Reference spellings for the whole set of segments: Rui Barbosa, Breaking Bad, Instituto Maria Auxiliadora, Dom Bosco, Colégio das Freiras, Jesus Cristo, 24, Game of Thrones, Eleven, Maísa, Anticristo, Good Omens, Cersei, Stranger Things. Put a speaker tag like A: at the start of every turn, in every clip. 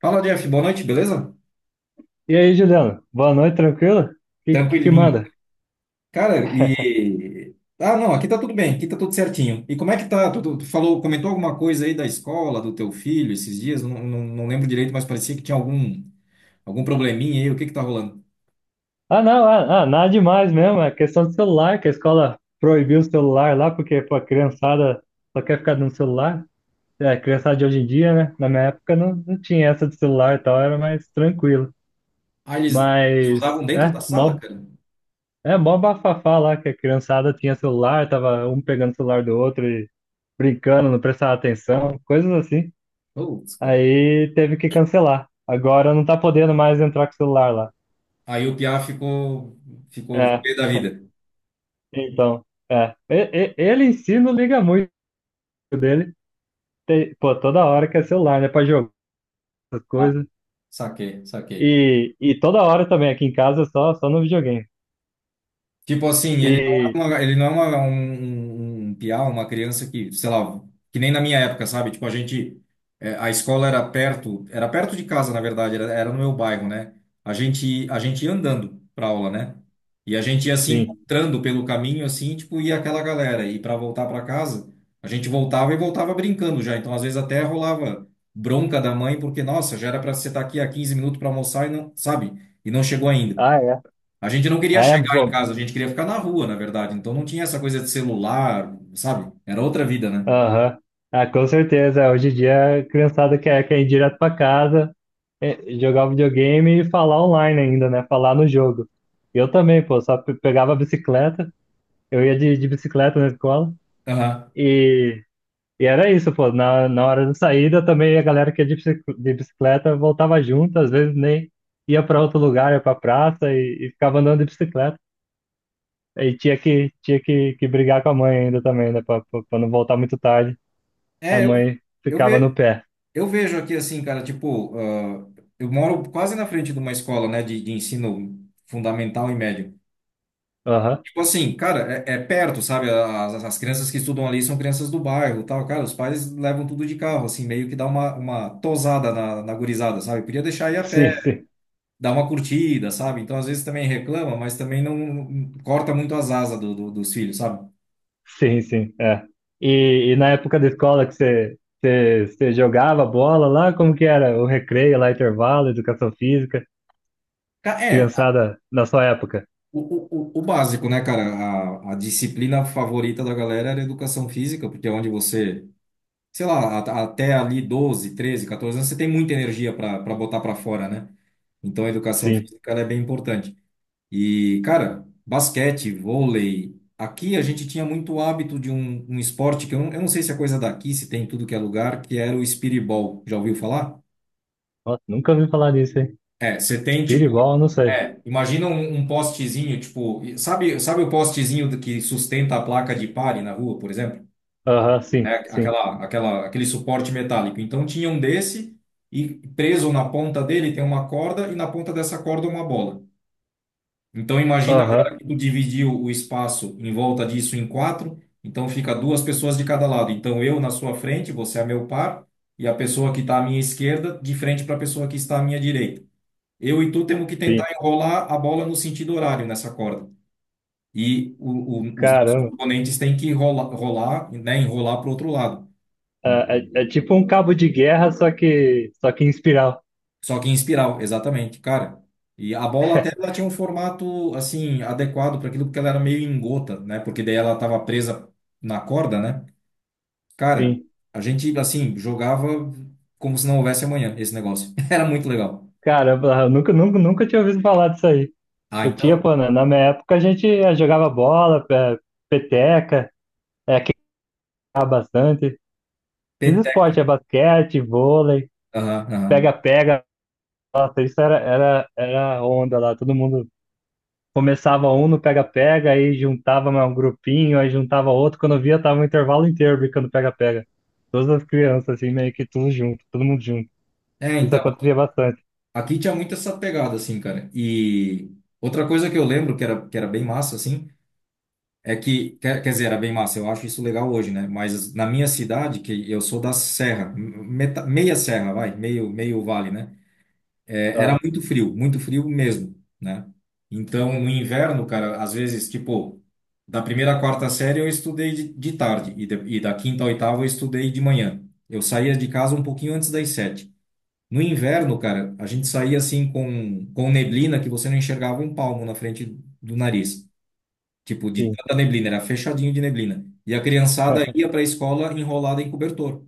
A: Fala, Jeff. Boa noite, beleza?
B: E aí, Juliano? Boa noite, tranquilo? Que
A: Tranquilinho.
B: manda?
A: Cara, e... Ah, não, aqui tá tudo bem, aqui tá tudo certinho. E como é que tá? Tu falou, comentou alguma coisa aí da escola, do teu filho, esses dias? Eu não, não lembro direito, mas parecia que tinha algum probleminha aí. O que que tá rolando?
B: Ah, não, nada demais mesmo. É questão do celular, que a escola proibiu o celular lá, porque pô, a criançada só quer ficar no celular. É, a criançada de hoje em dia, né? Na minha época não tinha essa de celular e tal, era mais tranquilo.
A: Ah, eles, eles
B: Mas,
A: usavam dentro
B: é,
A: da sala,
B: mó,
A: cara?
B: é, mó bafafá lá, que a criançada tinha celular, tava um pegando o celular do outro e brincando, não prestava atenção, coisas assim.
A: Putz, cara.
B: Aí teve que cancelar. Agora não tá podendo mais entrar com o celular lá.
A: Aí o Piá ficou
B: É,
A: pé da vida.
B: então, é. Ele em si não liga muito dele. Pô, toda hora que é celular, né? Pra jogar essas
A: Ah,
B: coisas.
A: saquei, saquei.
B: E toda hora também aqui em casa, só no videogame.
A: Tipo assim,
B: E
A: ele não é uma, um, um um piá, uma criança que, sei lá, que nem na minha época, sabe? Tipo, é, a escola era perto de casa, na verdade, era no meu bairro, né? A gente ia andando pra aula, né? E a gente ia se
B: sim.
A: encontrando pelo caminho, assim, tipo, ia aquela galera. E para voltar para casa, a gente voltava e voltava brincando já. Então, às vezes, até rolava bronca da mãe, porque, nossa, já era para você estar aqui há 15 minutos para almoçar e não, sabe? E não chegou ainda.
B: Ah, é.
A: A gente não queria
B: Ah, é
A: chegar em
B: bom.
A: casa, a gente queria ficar na rua, na verdade. Então não tinha essa coisa de celular, sabe? Era outra vida, né?
B: Aham. Ah, com certeza. Hoje em dia a criançada quer ir direto pra casa, é, jogar o videogame e falar online ainda, né? Falar no jogo. Eu também, pô, só pegava a bicicleta. Eu ia de bicicleta na escola.
A: Aham.
B: E era isso, pô. Na hora da saída também a galera que ia de bicicleta voltava junto, às vezes nem ia para outro lugar, ia para praça e ficava andando de bicicleta. E tinha que brigar com a mãe ainda também, né? Para não voltar muito tarde. A
A: É, eu,
B: mãe
A: eu,
B: ficava no
A: ve,
B: pé.
A: eu vejo aqui assim, cara, tipo, ah, eu moro quase na frente de uma escola, né, de ensino fundamental e médio.
B: Aham.
A: Tipo assim, cara, é perto, sabe? As crianças que estudam ali são crianças do bairro, e tal. Cara, os pais levam tudo de carro, assim, meio que dá uma tosada na gurizada, sabe? Podia deixar ir a pé.
B: Sim, sim.
A: Dá uma curtida, sabe? Então, às vezes também reclama, mas também não corta muito as asas dos filhos, sabe?
B: Sim, sim. É. E na época da escola que você jogava bola lá, como que era? O recreio lá, intervalo, educação física,
A: É,
B: criançada na sua época?
A: o básico, né, cara? A disciplina favorita da galera era a educação física, porque é onde você, sei lá, até ali 12, 13, 14 anos, você tem muita energia para botar para fora, né? Então, a educação
B: Sim.
A: física ela é bem importante. E, cara, basquete, vôlei. Aqui a gente tinha muito hábito de um esporte que eu não sei se é coisa daqui, se tem em tudo que é lugar, que era o speedball. Já ouviu falar?
B: Nossa, nunca ouvi falar disso, hein?
A: É, você tem tipo,
B: Speedball, não sei.
A: é, imagina um postezinho, tipo, sabe, sabe o postezinho que sustenta a placa de pare na rua, por exemplo?
B: Aham,
A: Né?
B: sim, sim.
A: Aquele suporte metálico. Então tinha um desse e preso na ponta dele tem uma corda e na ponta dessa corda uma bola. Então imagina
B: Aham,
A: agora que tu dividiu o espaço em volta disso em quatro, então fica duas pessoas de cada lado. Então eu na sua frente, você é meu par, e a pessoa que está à minha esquerda de frente para a pessoa que está à minha direita. Eu e tu temos que
B: sim.
A: tentar enrolar a bola no sentido horário nessa corda. E os nossos
B: Caramba.
A: oponentes têm que rolar, enrolar para o outro lado.
B: É tipo um cabo de guerra, só que em espiral.
A: Só que em espiral, exatamente, cara. E a bola até ela tinha um formato assim adequado para aquilo porque ela era meio em gota, né? Porque daí ela estava presa na corda, né? Cara,
B: Sim.
A: a gente assim jogava como se não houvesse amanhã esse negócio. Era muito legal.
B: Caramba, eu nunca, nunca, nunca tinha ouvido falar disso aí.
A: Ah,
B: Eu tinha,
A: então
B: pô, na minha época a gente jogava bola, peteca, é, queimava bastante. Esses
A: peteca.
B: esportes, é basquete, vôlei,
A: Aham, aham.
B: pega-pega. Nossa, isso era onda lá, todo mundo. Começava um no pega-pega, aí juntava mais um grupinho, aí juntava outro. Quando eu via, tava um intervalo inteiro brincando pega-pega. Todas as crianças, assim, meio que tudo junto, todo mundo junto.
A: É,
B: Isso
A: então
B: acontecia bastante.
A: aqui tinha muito essa pegada, assim, cara. E outra coisa que eu lembro que que era bem massa, assim, é que, quer dizer, era bem massa, eu acho isso legal hoje, né? Mas na minha cidade, que eu sou da serra, meia serra, vai, meio vale, né? É, era
B: Ah,
A: muito frio mesmo, né? Então, no inverno, cara, às vezes, tipo, da primeira à quarta série eu estudei de tarde e da quinta à oitava eu estudei de manhã. Eu saía de casa um pouquinho antes das sete. No inverno, cara, a gente saía assim com neblina que você não enxergava um palmo na frente do nariz. Tipo, de
B: sim.
A: tanta neblina, era fechadinho de neblina. E a criançada ia para a escola enrolada em cobertor,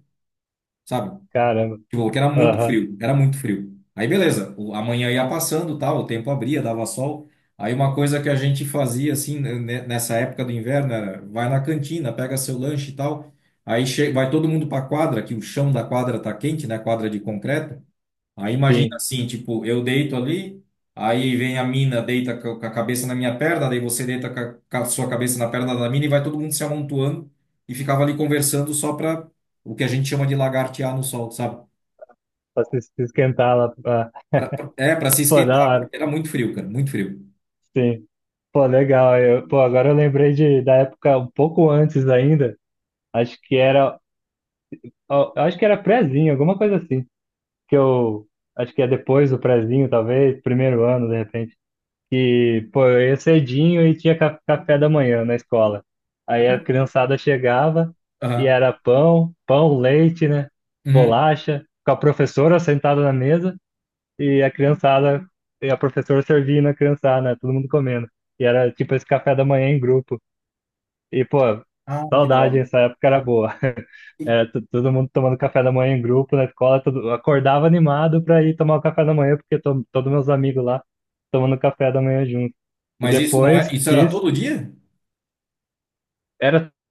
A: sabe?
B: Caramba.
A: Tipo, porque era muito
B: Aham,
A: frio, era muito frio. Aí beleza, a manhã ia passando, tal, o tempo abria, dava sol. Aí uma coisa que a gente fazia assim, nessa época do inverno era vai na cantina, pega seu lanche e tal. Aí vai todo mundo para a quadra, que o chão da quadra tá quente, né? Quadra de concreto. Aí imagina
B: sim.
A: assim, tipo, eu deito ali, aí vem a mina, deita com a cabeça na minha perna, daí você deita com a sua cabeça na perna da mina e vai todo mundo se amontoando e ficava ali conversando só pra o que a gente chama de lagartear no sol, sabe?
B: Pra se esquentar lá. Ah,
A: É, pra se
B: pô, da
A: esquentar,
B: hora.
A: porque era muito frio, cara, muito frio.
B: Sim. Pô, legal. Eu, pô, agora eu lembrei da época um pouco antes ainda. Acho que era. Ó, eu acho que era prézinho, alguma coisa assim. Que eu. Acho que é depois do prézinho, talvez. Primeiro ano, de repente. Que, pô, eu ia cedinho e tinha café da manhã na escola. Aí a criançada chegava e
A: Aham.
B: era pão, pão, leite, né?
A: Uhum.
B: Bolacha, com a professora sentada na mesa e a criançada, e a professora servindo a criançada, né? Todo mundo comendo. E era tipo esse café da manhã em grupo. E, pô,
A: Ah, que da
B: saudade,
A: hora.
B: essa época era boa. Era todo mundo tomando café da manhã em grupo na escola, todo, acordava animado para ir tomar o café da manhã, porque todos meus amigos lá tomando café da manhã junto. E
A: Mas isso não é,
B: depois
A: isso era
B: disso,
A: todo dia?
B: era o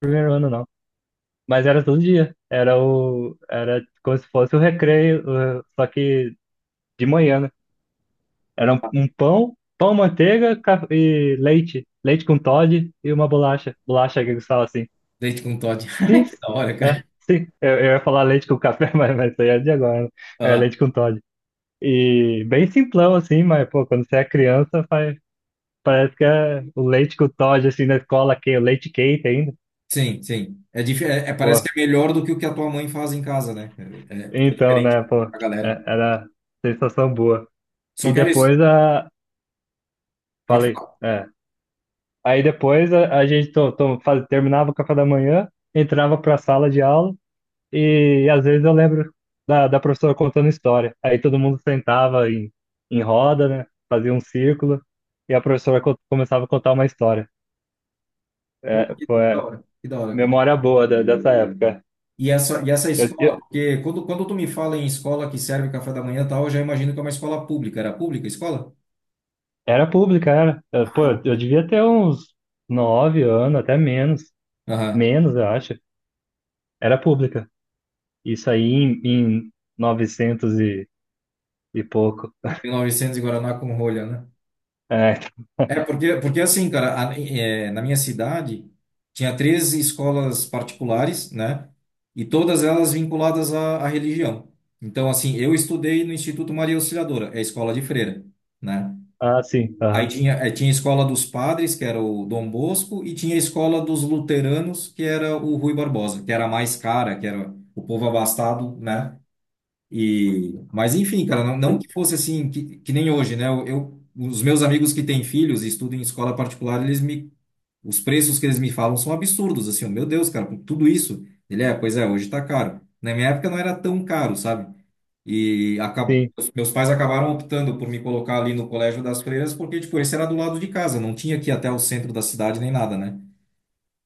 B: primeiro ano não, mas era todo dia. Era como se fosse o recreio, só que de manhã, né? Era um pão, pão, manteiga e leite com Toddy e uma bolacha, bolacha que eles falam assim.
A: Deite com Todd.
B: Sim,
A: Que da hora,
B: é,
A: cara.
B: sim. Eu ia falar leite com café, mas isso aí é de agora, né? É
A: Aham.
B: leite com Toddy. E bem simplão, assim, mas, pô, quando você é criança, parece que é o leite com Todd, assim, na escola, que o leite quente ainda.
A: Sim, sim. É, é, parece que
B: Pô,
A: é melhor do que o que a tua mãe faz em casa, né? É, é, porque é
B: então,
A: diferente
B: né, pô,
A: da galera.
B: era sensação boa.
A: Só
B: E
A: que era isso.
B: depois a.
A: Pode
B: Falei,
A: falar.
B: é. Aí depois a gente terminava o café da manhã, entrava para a sala de aula, e, às vezes eu lembro da professora contando história. Aí todo mundo sentava em roda, né, fazia um círculo, e a professora começava a contar uma história.
A: Pô,
B: É, pô, é,
A: que da hora, cara.
B: memória boa dessa época.
A: E essa
B: Eu-
A: escola,
B: eu-
A: porque quando tu me fala em escola que serve café da manhã e tal, eu já imagino que é uma escola pública. Era pública a escola?
B: Era pública, era. Pô,
A: Ah,
B: eu devia ter uns nove anos, até menos.
A: aham.
B: Menos, eu acho. Era pública. Isso aí em 900 e pouco.
A: 1900 e novecentos e Guaraná com rolha, né?
B: É.
A: É, porque, porque assim, cara, é, na minha cidade tinha três escolas particulares, né? E todas elas vinculadas à, à religião. Então, assim, eu estudei no Instituto Maria Auxiliadora, é a escola de freira, né?
B: Ah, sim.
A: Aí
B: Aham,
A: tinha, tinha a escola dos padres, que era o Dom Bosco, e tinha a escola dos luteranos, que era o Rui Barbosa, que era a mais cara, que era o povo abastado, né? E, mas enfim, cara, não que fosse assim, que nem hoje, né? Os meus amigos que têm filhos e estudam em escola particular, eles me, os preços que eles me falam são absurdos, assim, "Oh, meu Deus, cara, com tudo isso." Ele é, pois é, hoje tá caro. Na minha época não era tão caro, sabe? E acab...
B: sim.
A: os meus pais acabaram optando por me colocar ali no Colégio das Freiras, porque, tipo, esse era do lado de casa, não tinha que ir até o centro da cidade nem nada, né?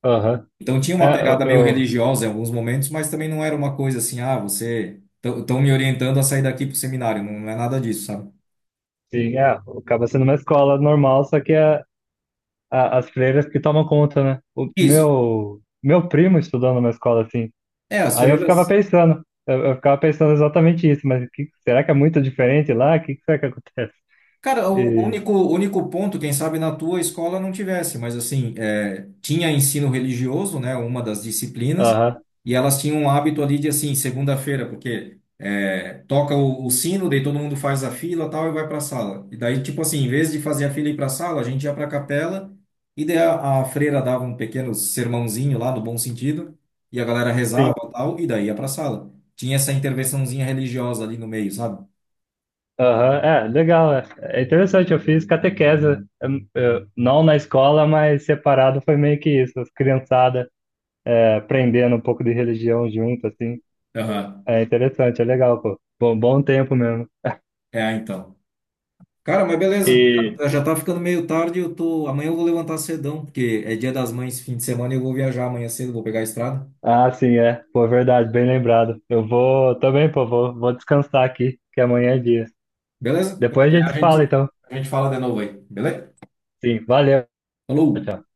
B: Aham.
A: Então tinha
B: É,
A: uma pegada meio religiosa em alguns momentos, mas também não era uma coisa assim, ah, você. Estão me orientando a sair daqui pro seminário, não é nada disso, sabe?
B: sim, é. Acaba sendo uma escola normal, só que as freiras que tomam conta, né? O
A: Isso.
B: meu primo estudou numa escola assim.
A: É, as
B: Aí eu ficava
A: freiras.
B: pensando, eu ficava pensando exatamente isso, mas será que é muito diferente lá? O que será que acontece?
A: Cara,
B: E,
A: o único ponto, quem sabe na tua escola não tivesse, mas assim, é, tinha ensino religioso, né, uma das disciplinas,
B: aham,
A: e elas tinham um hábito ali de assim, segunda-feira, porque é, toca o sino, daí todo mundo faz a fila tal e vai para a sala. E daí, tipo assim, em vez de fazer a fila e ir para a sala, a gente ia para a capela, e daí a freira dava um pequeno sermãozinho lá, no bom sentido, e a galera rezava
B: sim,
A: tal, e daí ia para a sala. Tinha essa intervençãozinha religiosa ali no meio, sabe?
B: aham, é, legal, é interessante, eu fiz catequese, não na escola, mas separado foi meio que isso, as criançadas aprendendo um pouco de religião junto, assim,
A: Aham.
B: é interessante, é legal, pô, bom, bom tempo mesmo.
A: É, então. Cara, mas beleza.
B: E,
A: Já já tá ficando meio tarde, eu tô. Amanhã eu vou levantar cedão, porque é dia das mães, fim de semana, e eu vou viajar amanhã cedo, vou pegar a estrada.
B: ah, sim, é, pô, verdade, bem lembrado, eu vou também, pô, vou descansar aqui, que amanhã é dia.
A: Beleza? Quando
B: Depois a
A: der,
B: gente se fala, então,
A: a gente fala de novo aí, beleza?
B: sim, valeu.
A: Falou!
B: Tchau tchau.